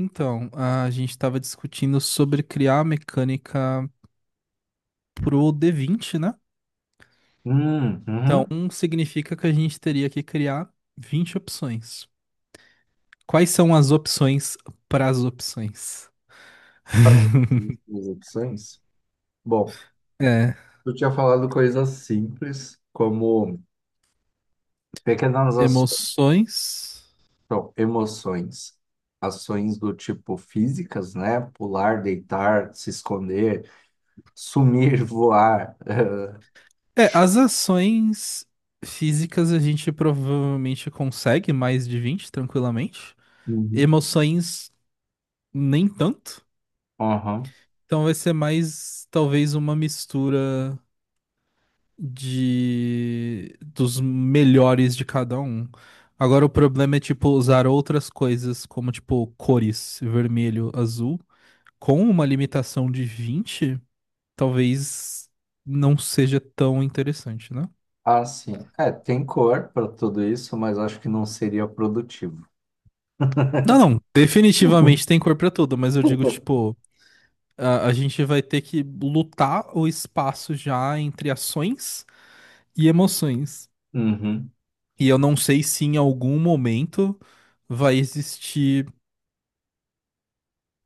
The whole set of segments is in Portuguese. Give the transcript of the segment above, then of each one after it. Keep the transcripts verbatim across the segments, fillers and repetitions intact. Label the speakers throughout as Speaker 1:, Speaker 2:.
Speaker 1: Então, a gente estava discutindo sobre criar a mecânica pro D vinte, né?
Speaker 2: Hum,
Speaker 1: Então,
Speaker 2: uhum.
Speaker 1: um significa que a gente teria que criar vinte opções. Quais são as opções para as opções?
Speaker 2: Fazer essas duas opções. Bom,
Speaker 1: É,
Speaker 2: eu tinha falado coisas simples, como pequenas aço-
Speaker 1: emoções.
Speaker 2: não, emoções, ações do tipo físicas, né? Pular, deitar, se esconder, sumir, voar. eh,
Speaker 1: É, as ações físicas a gente provavelmente consegue mais de vinte tranquilamente.
Speaker 2: Uhum.
Speaker 1: Emoções, nem tanto.
Speaker 2: Aham.
Speaker 1: Então vai ser mais talvez uma mistura de dos melhores de cada um. Agora o problema é tipo usar outras coisas como tipo cores, vermelho, azul, com uma limitação de vinte talvez não seja tão interessante, né?
Speaker 2: Ah, sim. É, tem cor para tudo isso, mas acho que não seria produtivo.
Speaker 1: Não, não, definitivamente tem cor pra tudo, mas eu digo tipo a, a gente vai ter que lutar o espaço já entre ações e emoções.
Speaker 2: Uhum.
Speaker 1: E eu não sei se em algum momento vai existir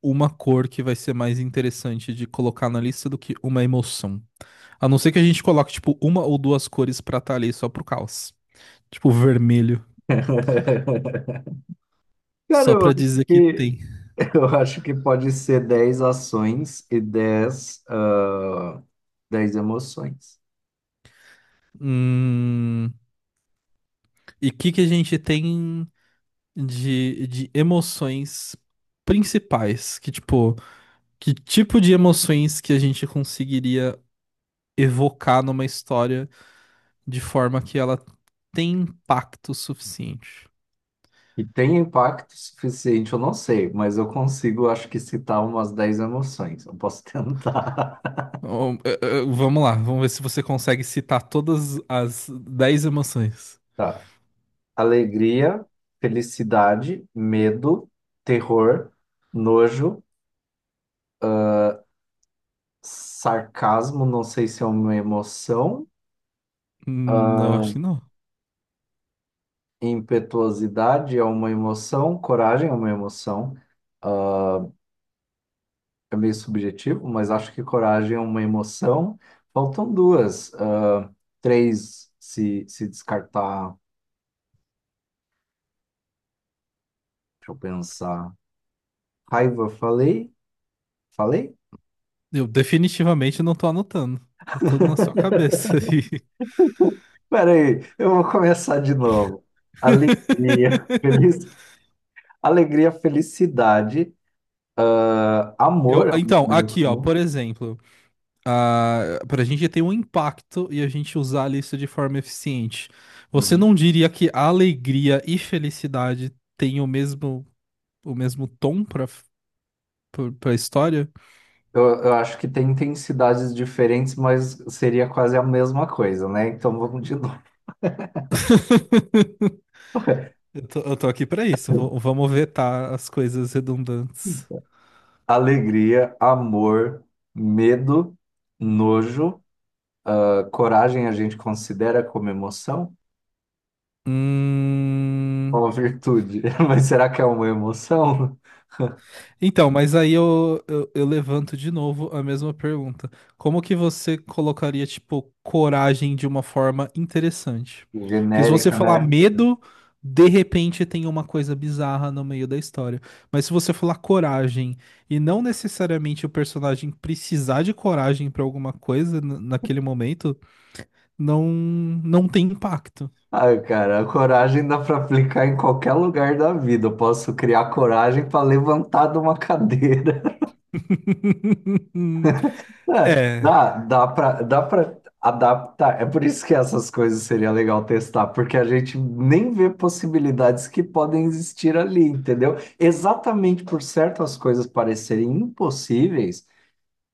Speaker 1: uma cor que vai ser mais interessante de colocar na lista do que uma emoção. A não ser que a gente coloque, tipo, uma ou duas cores pra estar ali só pro caos. Tipo, vermelho.
Speaker 2: Cara,
Speaker 1: Só
Speaker 2: eu
Speaker 1: pra
Speaker 2: acho
Speaker 1: dizer que
Speaker 2: que,
Speaker 1: tem.
Speaker 2: Eu acho que pode ser dez ações e dez ah, dez emoções.
Speaker 1: Hum, E o que que a gente tem de, de emoções principais? Que, tipo, que tipo de emoções que a gente conseguiria evocar numa história de forma que ela tem impacto suficiente?
Speaker 2: E tem impacto suficiente, eu não sei, mas eu consigo, acho que, citar umas dez emoções. Eu posso tentar.
Speaker 1: Oh, eh, eh, vamos lá, vamos ver se você consegue citar todas as dez emoções.
Speaker 2: Tá. Alegria, felicidade, medo, terror, nojo, sarcasmo, não sei se é uma emoção.
Speaker 1: Hum, eu acho que
Speaker 2: ah,
Speaker 1: não.
Speaker 2: Impetuosidade é uma emoção, coragem é uma emoção. É meio subjetivo, mas acho que coragem é uma emoção. Faltam duas, ah, três se, se descartar. Deixa eu pensar. Raiva, falei? Falei?
Speaker 1: Eu definitivamente não tô anotando. Tá tudo na sua cabeça aí.
Speaker 2: Peraí, eu vou começar de novo. Alegria, feliz, alegria, felicidade, ah, amor
Speaker 1: Eu,
Speaker 2: é
Speaker 1: então,
Speaker 2: uma
Speaker 1: aqui, ó,
Speaker 2: emoção.
Speaker 1: por exemplo, ah, pra gente ter um impacto e a gente usar a lista de forma eficiente, você
Speaker 2: Uhum.
Speaker 1: não diria que alegria e felicidade têm o mesmo, o mesmo tom pra, pra, pra história?
Speaker 2: Eu, eu acho que tem intensidades diferentes, mas seria quase a mesma coisa, né? Então vamos de novo.
Speaker 1: Eu tô, eu tô aqui pra isso. V- vamos vetar as coisas redundantes.
Speaker 2: Alegria, amor, medo, nojo. Ah, coragem a gente considera como emoção?
Speaker 1: Hum...
Speaker 2: Uma virtude. Mas será que é uma emoção?
Speaker 1: Então, mas aí eu, eu, eu levanto de novo a mesma pergunta. Como que você colocaria, tipo, coragem de uma forma interessante? Porque se você
Speaker 2: Genérica,
Speaker 1: falar
Speaker 2: né?
Speaker 1: medo, de repente tem uma coisa bizarra no meio da história. Mas se você falar coragem e não necessariamente o personagem precisar de coragem pra alguma coisa n- naquele momento, não, não tem impacto.
Speaker 2: Ai, cara, a coragem dá para aplicar em qualquer lugar da vida. Eu posso criar coragem para levantar de uma cadeira. É,
Speaker 1: É,
Speaker 2: dá, dá pra, dá pra adaptar. É por isso que essas coisas seria legal testar, porque a gente nem vê possibilidades que podem existir ali, entendeu? Exatamente por certas coisas parecerem impossíveis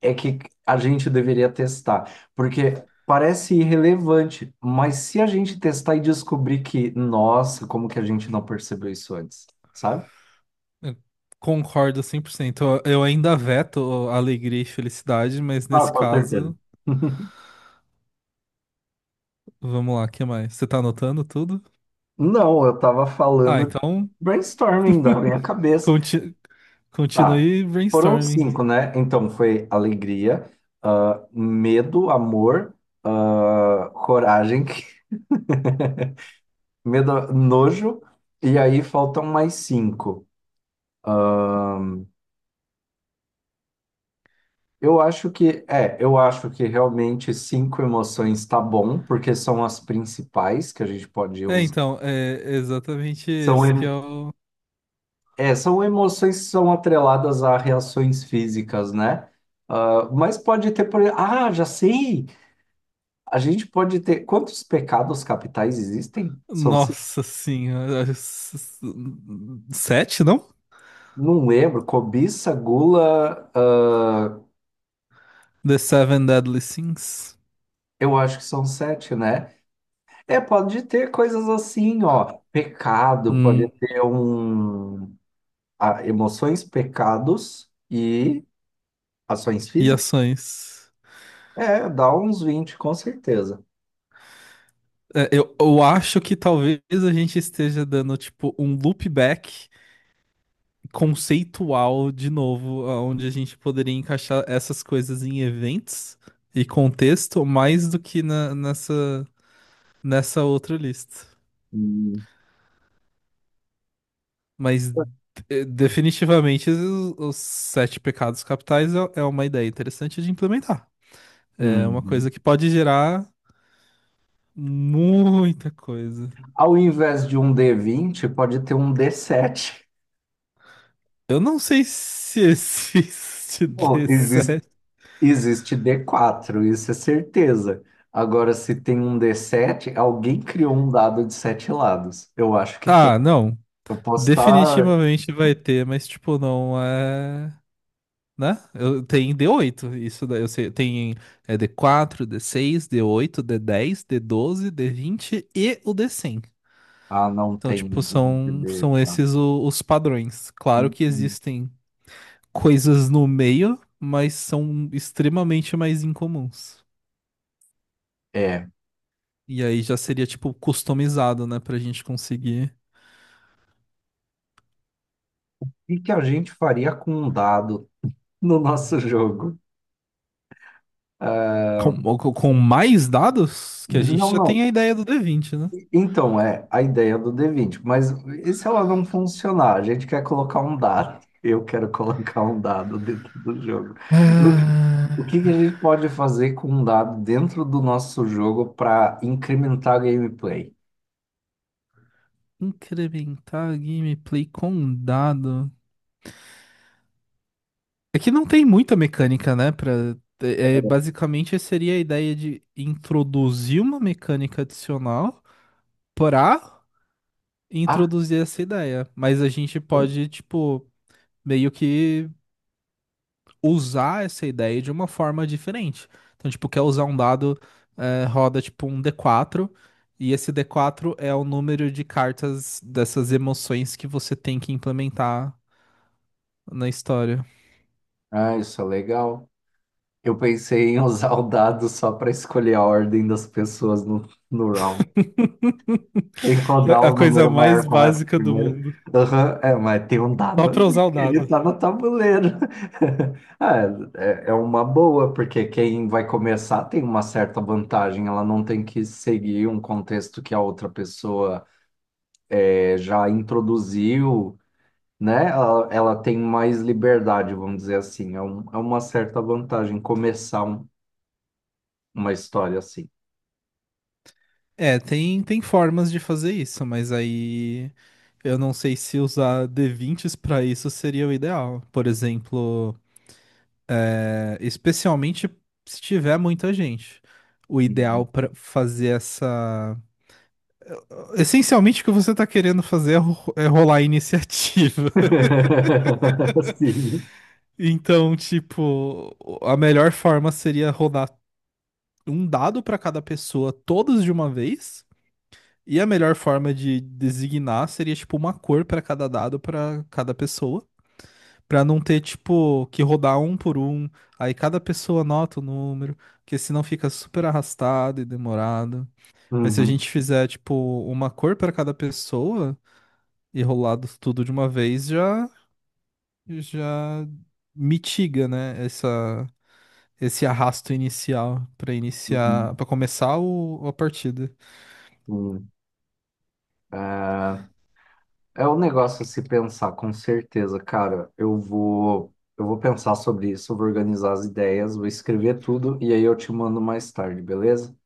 Speaker 2: é que a gente deveria testar, porque parece irrelevante, mas se a gente testar e descobrir que, nossa, como que a gente não percebeu isso antes, sabe?
Speaker 1: eu concordo cem por cento. Eu eu ainda veto alegria e felicidade, mas
Speaker 2: Ah,
Speaker 1: nesse
Speaker 2: com certeza.
Speaker 1: caso, vamos lá, o que mais? Você tá anotando tudo?
Speaker 2: Não, eu tava
Speaker 1: Ah,
Speaker 2: falando
Speaker 1: então
Speaker 2: brainstorming da minha cabeça.
Speaker 1: conti-
Speaker 2: Tá.
Speaker 1: continue
Speaker 2: Foram
Speaker 1: brainstorming.
Speaker 2: cinco, né? Então foi alegria, ah, medo, amor, ah, coragem, medo, nojo, e aí faltam mais cinco. Eu acho que, é, eu acho que realmente cinco emoções tá bom, porque são as principais que a gente pode
Speaker 1: É,
Speaker 2: usar.
Speaker 1: então, é exatamente
Speaker 2: São,
Speaker 1: esse que
Speaker 2: em-
Speaker 1: é o.
Speaker 2: é, são emoções que são atreladas a reações físicas, né? Ah, mas pode ter, por... ah, já sei! A gente pode ter. Quantos pecados capitais existem? São cinco.
Speaker 1: Nossa senhora. é s- s- Sete, não?
Speaker 2: Não lembro. Cobiça, gula. Ah,
Speaker 1: The Seven Deadly Sins.
Speaker 2: eu acho que são sete, né? É, pode ter coisas assim, ó. Pecado, pode
Speaker 1: Hum,
Speaker 2: ter um. Ah, emoções, pecados e ações
Speaker 1: e
Speaker 2: físicas.
Speaker 1: ações.
Speaker 2: É, dá uns vinte com certeza.
Speaker 1: É, Eu, eu acho que talvez a gente esteja dando, tipo, um loopback conceitual de novo, onde a gente poderia encaixar essas coisas em eventos e contexto mais do que na- nessa, nessa outra lista.
Speaker 2: Hum.
Speaker 1: Mas eh, definitivamente os, os sete pecados capitais é, é uma ideia interessante de implementar. É uma coisa
Speaker 2: Uhum.
Speaker 1: que pode gerar muita coisa.
Speaker 2: Ao invés de um dê vinte, pode ter um dê sete.
Speaker 1: Eu não sei se existe
Speaker 2: Bom, existe
Speaker 1: D sete.
Speaker 2: Existe dê quatro, isso é certeza. Agora, se tem um dê sete, alguém criou um dado de sete lados. Eu acho que tem.
Speaker 1: Ah, não.
Speaker 2: Eu posso estar.
Speaker 1: Definitivamente vai ter, mas tipo, não é. Né? Eu, tem d oito, isso daí eu sei. Tem é, d quatro, d seis, d oito, d dez, d doze, d vinte e o d cem.
Speaker 2: Ah, não
Speaker 1: Então,
Speaker 2: tem
Speaker 1: tipo,
Speaker 2: um
Speaker 1: são,
Speaker 2: d
Speaker 1: são
Speaker 2: quatro.
Speaker 1: esses o- os padrões. Claro que
Speaker 2: Hum,
Speaker 1: existem coisas no meio, mas são extremamente mais incomuns.
Speaker 2: É. O
Speaker 1: E aí já seria, tipo, customizado, né? Pra gente conseguir.
Speaker 2: que que a gente faria com um dado no nosso jogo?
Speaker 1: Com, com com mais dados, que a gente
Speaker 2: Não,
Speaker 1: já tem a
Speaker 2: não.
Speaker 1: ideia do d vinte, né?
Speaker 2: Então, é a ideia do dê vinte, mas e se ela não funcionar? A gente quer colocar um dado. Eu quero colocar um dado dentro do jogo. O que, o
Speaker 1: Ah,
Speaker 2: que que a gente pode fazer com um dado dentro do nosso jogo para incrementar a gameplay?
Speaker 1: incrementar a gameplay com um dado. É que não tem muita mecânica, né? Pra... É, é, basicamente, seria a ideia de introduzir uma mecânica adicional para
Speaker 2: Ah,
Speaker 1: introduzir essa ideia. Mas a gente pode, tipo, meio que usar essa ideia de uma forma diferente. Então, tipo, quer usar um dado, é, roda tipo um d quatro. E esse d quatro é o número de cartas dessas emoções que você tem que implementar na história.
Speaker 2: ah, isso é legal. Eu pensei em usar o dado só para escolher a ordem das pessoas no, no round. E qual dá
Speaker 1: É a
Speaker 2: o
Speaker 1: coisa
Speaker 2: número maior
Speaker 1: mais
Speaker 2: começa
Speaker 1: básica do
Speaker 2: primeiro.
Speaker 1: mundo.
Speaker 2: Aham. É, mas tem um dado
Speaker 1: Só pra
Speaker 2: ali,
Speaker 1: usar o
Speaker 2: ele
Speaker 1: dado.
Speaker 2: tá no tabuleiro. Ah, É, é uma boa, porque quem vai começar tem uma certa vantagem, ela não tem que seguir um contexto que a outra pessoa eh, já introduziu, né? Ela, ela tem mais liberdade, vamos dizer assim. É, um- é uma certa vantagem começar um- uma história assim.
Speaker 1: É, tem, tem formas de fazer isso, mas aí eu não sei se usar d vinte s pra isso seria o ideal. Por exemplo, é, especialmente se tiver muita gente. O
Speaker 2: Uhum.
Speaker 1: ideal pra fazer essa. Essencialmente, o que você tá querendo fazer é ro- é rolar a iniciativa.
Speaker 2: Sim.
Speaker 1: Então, tipo, a melhor forma seria rodar um dado pra cada pessoa, todos de uma vez. E a melhor forma de designar seria tipo uma cor pra cada dado pra cada pessoa, pra não ter tipo que rodar um por um, aí cada pessoa anota o número, porque senão fica super arrastado e demorado. Mas se a
Speaker 2: Uhum.
Speaker 1: gente fizer tipo uma cor pra cada pessoa e rolar do- tudo de uma vez, já já mitiga, né, essa esse arrasto inicial pra
Speaker 2: Uhum.
Speaker 1: iniciar, pra começar o, a partida.
Speaker 2: Uhum. É, é um negócio a se pensar, com certeza, cara. Eu vou, eu vou pensar sobre isso, vou organizar as ideias, vou escrever tudo e aí eu te mando mais tarde, beleza?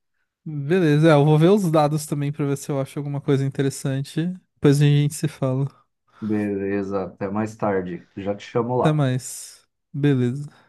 Speaker 1: Beleza, é, eu vou ver os dados também pra ver se eu acho alguma coisa interessante. Depois a gente se fala.
Speaker 2: Beleza, até mais tarde. Já te chamo
Speaker 1: Até
Speaker 2: lá.
Speaker 1: mais. Beleza.